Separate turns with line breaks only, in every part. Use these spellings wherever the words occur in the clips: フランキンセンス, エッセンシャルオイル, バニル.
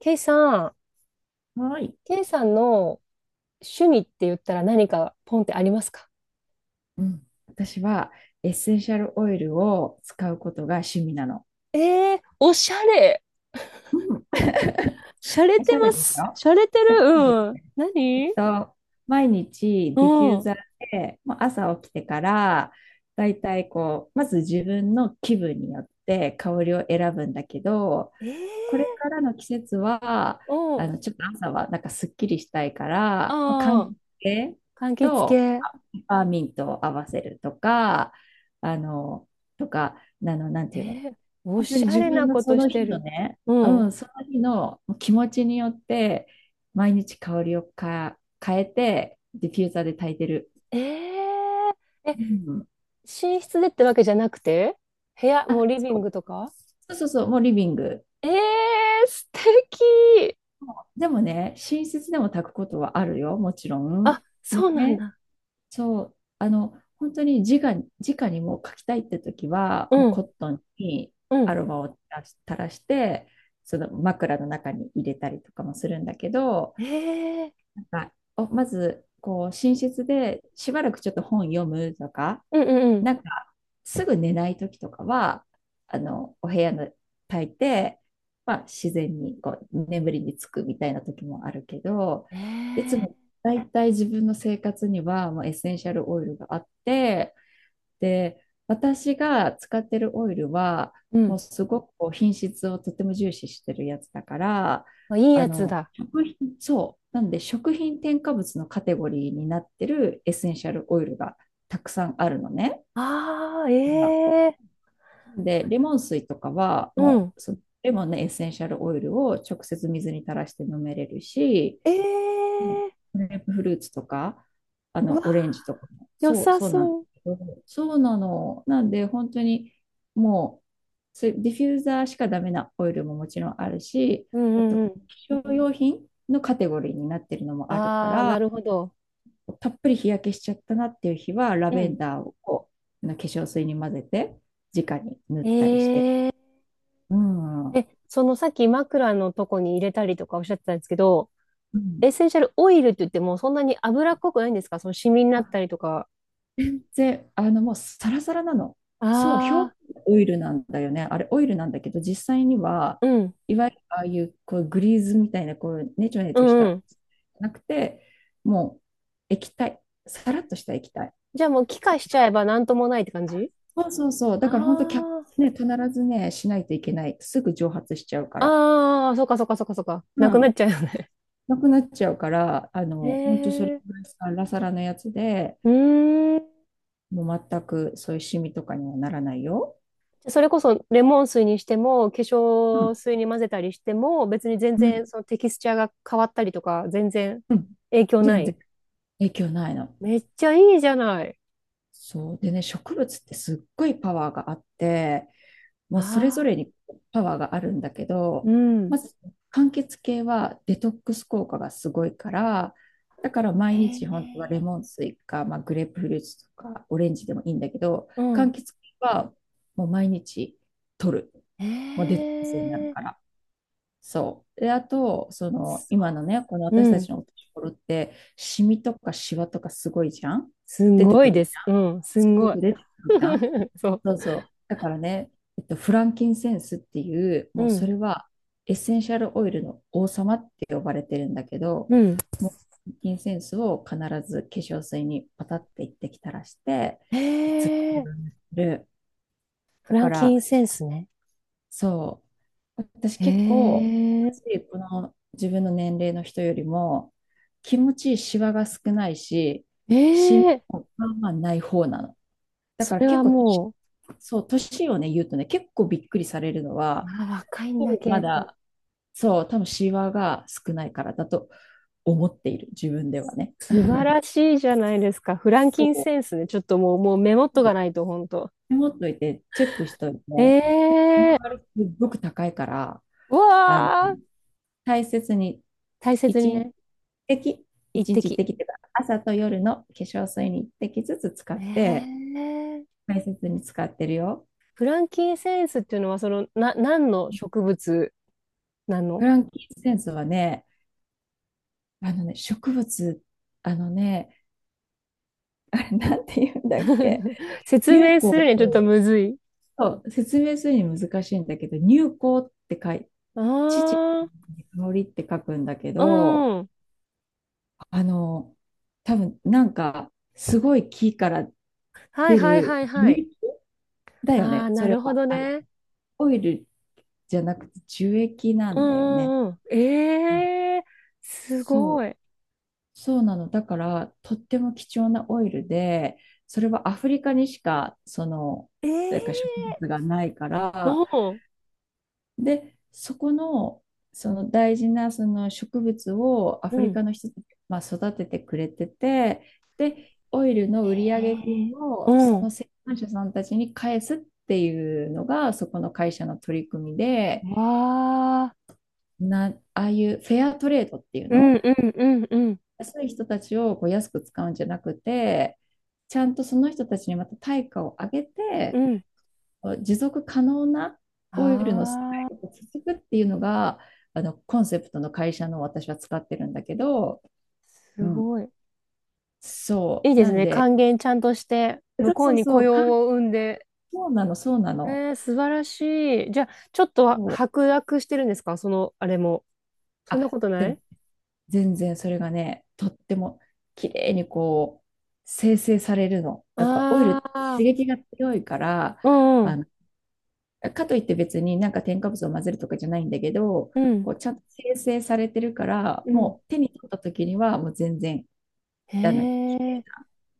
ケイさん、
はい。
ケイさんの趣味って言ったら何かポンってありますか？
うん、私はエッセンシャルオイルを使うことが趣味なの。
おしゃれ。
うん。
しゃれ
おし
て
ゃれ
ま
でし
す。
ょ？
しゃれてる。
おしゃれ。
うん。
えっ
何、
と、毎日
う
ディフュー
ん。
ザーで、もう朝起きてから、だいたいこう、まず自分の気分によって香りを選ぶんだけど、
え
これ
ー、
からの季節は、
うん。
ちょっと朝はなんかすっきりしたいから、まあ、柑
ああ、
橘系
柑橘
と、
系。
パーミントを合わせるとか、あの、なん
え
ていうの、
ー、お
本当
し
に
ゃ
自
れ
分
な
の
こ
そ
とし
の日
て
の
る。
ね、
う
う
ん。
ん、その日の気持ちによって、毎日香りを変えて、ディフューザーで炊いてる。
えー、え、
うん。
寝室でってわけじゃなくて部屋、も
あ、
うリビングとか？
そうそうそうそう、もうリビング。
素敵。
でもね、寝室でも炊くことはあるよ、もちろん。
あ、そうなん
ね、
だ。
そう、本当に直に、直にもう書きたいって時は、も
う
う
ん。
コットンに
う
ア
ん。
ロマを垂らし垂らして、その枕の中に入れたりとかもするんだけど、
えー
なんかまず、こう、寝室でしばらくちょっと本読むとか、
うんうんうん。
なんか、すぐ寝ない時とかは、お部屋の炊いて、まあ、自然にこう眠りにつくみたいな時もあるけど、いつ
え
も
え、
だいたい自分の生活にはもうエッセンシャルオイルがあって、で、私が使ってるオイルは、
う
も
ん。
うすごくこう品質をとても重視してるやつだから、
まあいいやつだ。
食品、そう、なんで食品添加物のカテゴリーになってるエッセンシャルオイルがたくさんあるのね。
ああ、ええ、
で、レモン水とかは、
う
も
ん。
うそ、レモンのエッセンシャルオイルを直接水に垂らして飲めれるし、
ええ、
グレープフルーツとか、
うわ、
オレンジとかも、
良
そう、
さ
そうなん
そう。
そうなの。なんで、本当にもう、そういうディフューザーしかダメなオイルももちろんあるし、
うん
あと、
う
化
んうん。
粧用品のカテゴリーになってるのもあるか
ああ、な
ら、
るほど。
たっぷり日焼けしちゃったなっていう日は、ラ
う
ベン
ん。
ダーを化粧水に混ぜて、直に塗ったりして。
えー、
うん。う
そのさっき枕のとこに入れたりとかおっしゃってたんですけど、
ん。
エッセンシャルオイルって言ってもそんなに油っこくないんですか？そのシミになったりとか。
で、もうサラサラなの。そう、表面
ああ、
オイルなんだよね。あれ、オイルなんだけど、実際には、
うん。
いわゆるああいう、こう、グリーズみたいな、こう、ネチョネ
う
チョし
んう
た、
ん。
なくて、もう、液体。さらっとした液体。
じゃあもう気化しちゃえばなんともないって感じ？
そうそうそう。だ
あ、
から本当キャップね、必ずね、しないといけない。すぐ蒸発しちゃうか
あ
ら。
あー、ああ、そっかそっかそっかそっか。な
う
くなっ
ん。
ちゃうよね。
なくなっちゃうから、
へ
本当それ
え。
ぐらいサラサラのやつで、
うーん。じ
もう全くそういうシミとかにはならないよ。
ゃあそれこそレモン水にしても、化粧水に混ぜたりしても、別に全
うん、
然そのテキスチャーが変わったりとか、全然
うん、
影響な
全
い？
然影響ないの。
めっちゃいいじゃない。
そう。でね、植物ってすっごいパワーがあって、もうそれぞ
あ
れ
あ、
にパワーがあるんだけ
う
ど、ま
ん。
ず、柑橘系はデトックス効果がすごいから、だから
へ
毎日本当はレ
え、
モン水か、まあ、グレープフルーツとかオレンジでもいいんだけど、
う
柑
ん。
橘系はもう毎日取る。もうデトッ
へ
クスになる
え、
から。そう。で、あと、その、
そ
今のね、この
う、
私
う
た
ん。
ちのお年頃って、シミとかシワとかすごいじゃん。
す
出て
ご
く
い
る
で
じ
す。
ゃ
う
ん。
ん。す
す
ん
ご
ごい。
く出てくるじゃん。
そ
そうそう。だからね、フランキンセンスっていう、
う。
もう
う
そ
ん。
れはエッセンシャルオイルの王様って呼ばれてるんだけど、
うん。
もう、フランキンセンスを必ず化粧水にパタっていってきたらして、
へ
いつも
え。
塗る。だ
フラ
か
ンキン
ら、
センスね。
そう。私
へ
結構、こ
え。
の自分の年齢の人よりも、気持ちいいシワが少ないし、
え
シミ
え。
もまあまあない方なの。だ
そ
から
れは
結構年、
もう、
そう、年をね、言うとね、結構びっくりされるのは、
あ、若いん
多
だ、
分
け
ま
イさん。
だ、そう、多分シワが少ないからだと思っている、自分ではね。
素晴ら しいじゃないですか。フランキン
そ
センスね。ちょっともう、もうメモっ
う
とか
そ
ないと、ほんと。
う、持っといて、チェックしとい
え
て、
えー、
周りすっごく高いから、
う
あの、
わー、
大切に、
大
1
切に
日
ね、
滴、
一
一日一
滴。
滴っていうか、朝と夜の化粧水に一滴ずつ使って、
ええー、
大切に使ってるよ。
フランキンセンスっていうのは、その、何の植物な
フ
の？
ランキーセンスはね、あのね、植物、あのね、あれなんて言うんだっけ、
説
乳
明
香
する
っ
に
て、
はちょっとむずい。
そう、説明するに難しいんだけど、乳、
あ
香りって書くんだけ
あ、
ど、
うん。
あの、多分なんか、すごい木から
はい
出
はい
る
はいは
樹
い。
液だよ
あ
ね、
あ、
そ
な
れ
るほ
は。
ど
あの、
ね。
オイルじゃなくて樹液な
う
んだよね。
んうんうん。
うん、
ええー、すご
そう、
い。
そうなの。だから、とっても貴重なオイルで、それはアフリカにしか、その、
え
なんか植
え
物がないから、
ー、うん。
で、そこの、その大事なその植物をア
う
フリ
ん。
カの人たちが、まあ、育ててくれてて、で、オイルの売上
へ
金
え。
を
う
そ
ん。
の生産者さんたちに返すっていうのが、そこの会社の取り組みで、
わあ。
な、ああいうフェアトレードっていう
うん
の、
うんうんうん
安い人たちをこう安く使うんじゃなくて、ちゃんとその人たちにまた対価を上げ
う
て、
ん。
持続可能なオイルの世
あ
界を
あ。
続くっていうのが、あのコンセプトの会社の私は使ってるんだけど、う
す
ん、
ごい。
そ
いい
う。
です
なん
ね。
で、
還元ちゃんとして、向
そう
こう
そう
に
そ
雇
う、
用を生んで。
そうなの、そうなの。
素晴らしい。じゃあ、ちょっとは
そう、
白濁してるんですかその、あれも？そんな
あ、
こと
で
ない？
も全然それがね、とっても綺麗にこう、生成されるの。やっぱオイルっ
あ
て刺
あ
激が強いから、
ー、うん
あ
う
のかといって別になんか添加物を混ぜるとかじゃないんだけど、
ん、
こうちゃんと生成されてるから、
うん、うん。
もう手に取った時にはもう全然
へ
あの
え、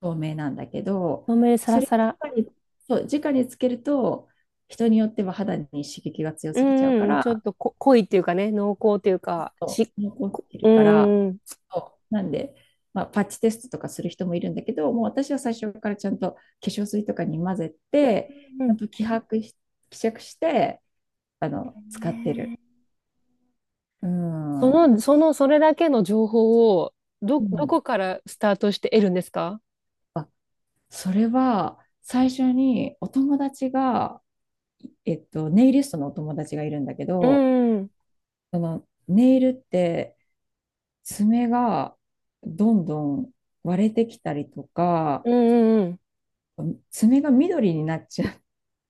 透明なんだけど、
豆サ
そ
ラ
れ
サ
を
ラ。
直に、そう直につけると、人によっては肌に刺激が強
う
すぎちゃう
ん
か
うん、ちょっ
ら、
とこ濃いっていうかね、濃厚っていうか、
そ
し、
う残っ
こ
て
う
るから、
んうん、
そう、なんで、まあ、パッチテストとかする人もいるんだけど、もう私は最初からちゃんと化粧水とかに混ぜて、
う
ちゃん
ん。
と希釈して使ってる。
ね、
う
そ
ん、
の、その、それだけの情報を、
う
ど
ん、
こからスタートして得るんですか？
あ、それは最初にお友達が、ネイリストのお友達がいるんだけ
う
ど、
ん、うん、
そのネイルって爪がどんどん割れてきたりとか、
うん、うん。
爪が緑になっちゃ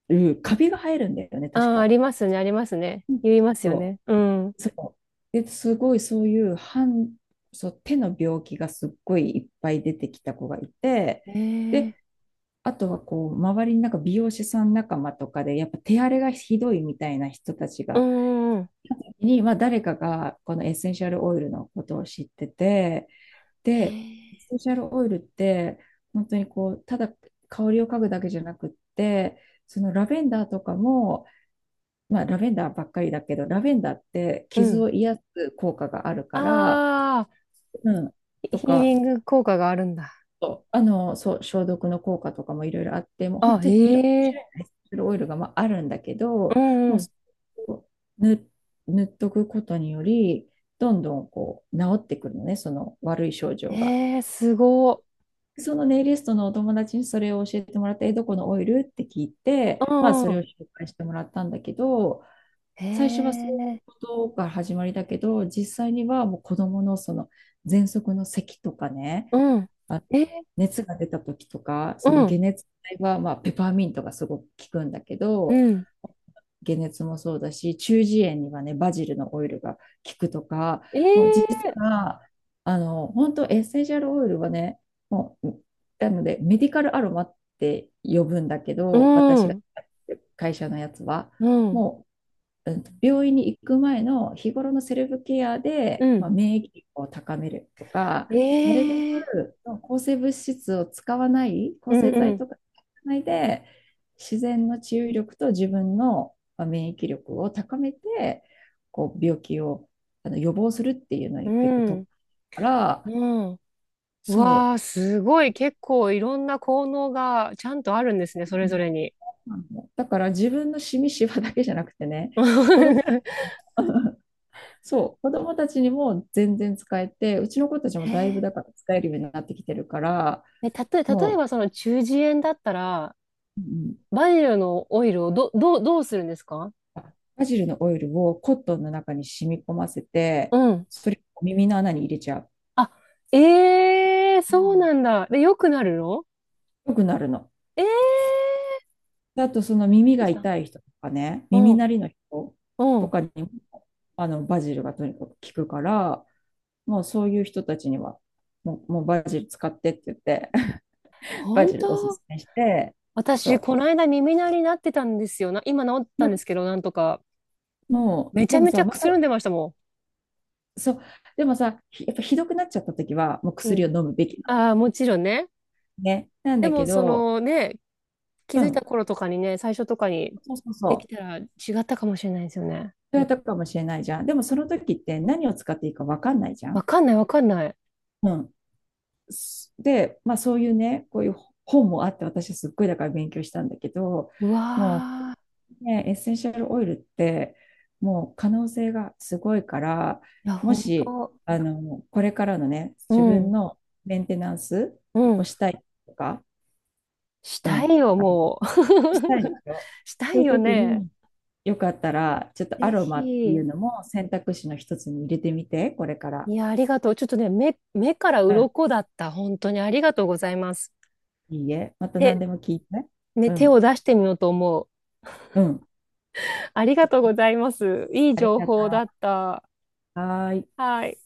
う、カビが生えるんだよね、確
ああ、あ
か。
りますね、ありますね。
うん、
言いますよ
そ
ね。うん。
う、そう。で、すごいそういうそう、手の病気がすっごいいっぱい出てきた子がいて、
ええ、
で、あとはこう、周りになんか美容師さん仲間とかで、やっぱ手荒れがひどいみたいな人たち
う
が、
ん、うん。
まあ誰かがこのエッセンシャルオイルのことを知ってて、で、
え
エッ
え、
センシャルオイルって、本当にこう、ただ香りを嗅ぐだけじゃなくって、そのラベンダーとかも、まあラベンダーばっかりだけど、ラベンダーって
う
傷
ん。
を癒す効果があるから、
ああ、
うん、
ヒ
と
ヒーリ
か、
ング効果があるんだ。
そう、そう、消毒の効果とかもいろいろあって、もう
あ、
本当にいろんな
え
種
え、
類のエッセンシャルオイルがまああるんだけ
う
ど、
ん、う
もう
ん。
それを塗、塗っとくことにより、どんどんこう治ってくるのね、その悪い症状が。
ええ、すご
そのネイリストのお友達にそれを教えてもらって、え、どこのオイルって聞い
い。う
て、まあ、
ん、
そ
う
れを
ん。
紹介してもらったんだけど、
え
最初はそういう
え、
ことが始まりだけど、実際にはもう子供のその喘息の咳とかね、
うん。
あ、
ええ、
熱が出た時とか、
う
その解
ん、
熱剤は、まあ、ペパーミントがすごく効くんだけ
う
ど、
ん。
解熱もそうだし、中耳炎にはね、バジルのオイルが効くとか、
え
もう実
え、
は、本当エッセンシャルオイルはね、もう、なので、メディカルアロマって呼ぶんだけ
う
ど、私が
ん、
会社のやつは、
うん、
もううん病院に行く前の日頃のセルフケア
う
で、ま
ん。
あ、免疫力を高めるとか、なるべ
ええ、
く抗生物質を使わない、抗
うん
生
う
剤
ん。
とか使わないで、自然の治癒力と自分の免疫力を高めて、こう病気を予防するっていうの
う
に結構
ん。
特化から、
うん。う
そ
わー、すごい。結構いろんな効能がちゃんとあるんですね、それぞれ
う。
に。
だから自分のシミシワだけじゃなくてね、子供 そう、子供たちにも全然使えて、うちの子たちも
へ
だいぶ
え。
だから使えるようになってきてるから、
え、たと、例え
も
ばその中耳炎だったら、
う、うん、
バニルのオイルをどうするんですか？
あ、バジルのオイルをコットンの中に染み込ませ
う
て、
ん。
それを耳の穴に入れちゃう。
あ、ええ、
う
そう
ん、
なんだ。で、良くなるの？
よくなるの。
ええ、
であと、その耳
いい
が
じゃん。
痛い人とかね、
う
耳鳴
ん、
りの人
う
と
ん。
かにも、バジルがとにかく効くから、もうそういう人たちには、もう、もうバジル使ってって言って、バ
本
ジルおす
当。
すめして、
私、
そ
この間耳鳴りになってたんですよな。今治っ
う。
たんですけど、なんとか。
も
め
う、
ち
で
ゃ
も
めち
さ、
ゃ
ま
く
た、
すんでましたも
そう。でもさ、やっぱひどくなっちゃった時は、もう
ん。う
薬を
ん。
飲むべきなの。
ああ、もちろんね。
ね。なん
で
だ
も、
け
そ
ど、
のね、気
う
づいた
ん。
頃とかにね、最初とかに
そうそうそう。
でき
そ
た
う
ら違ったかもしれないですよね。
やったかもしれないじゃん。でもその時って何を使っていいかわかんないじゃ
わ
ん。
かんない、わかんない。
うん。で、まあそういうね、こういう本もあって、私すっごいだから勉強したんだけど、
う
も
わ
う、ね、エッセンシャルオイルって、もう可能性がすごいから、
ー、いや、
も
本
し、
当。
これからのね、
う
自分
ん、
のメンテナンス
う
を
ん。
したいとか、
し
う
た
ん。
いよ、もう。
したいんですよ。
した
そう
い
いう
よ
時
ね。
に、よかったら、ちょっとア
ぜ
ロマってい
ひ。
うのも選択肢の一つに入れてみて、これから。
いや、ありがとう。ちょっとね、目から
うん。
鱗だった。本当にありがとうございます。
いいえ。また何
で、
でも聞いて。
ね、
う
手を
ん。
出してみようと思う。
うん。
ありがとうございます。いい
あり
情
がとう。
報だった。
はーい。
はい。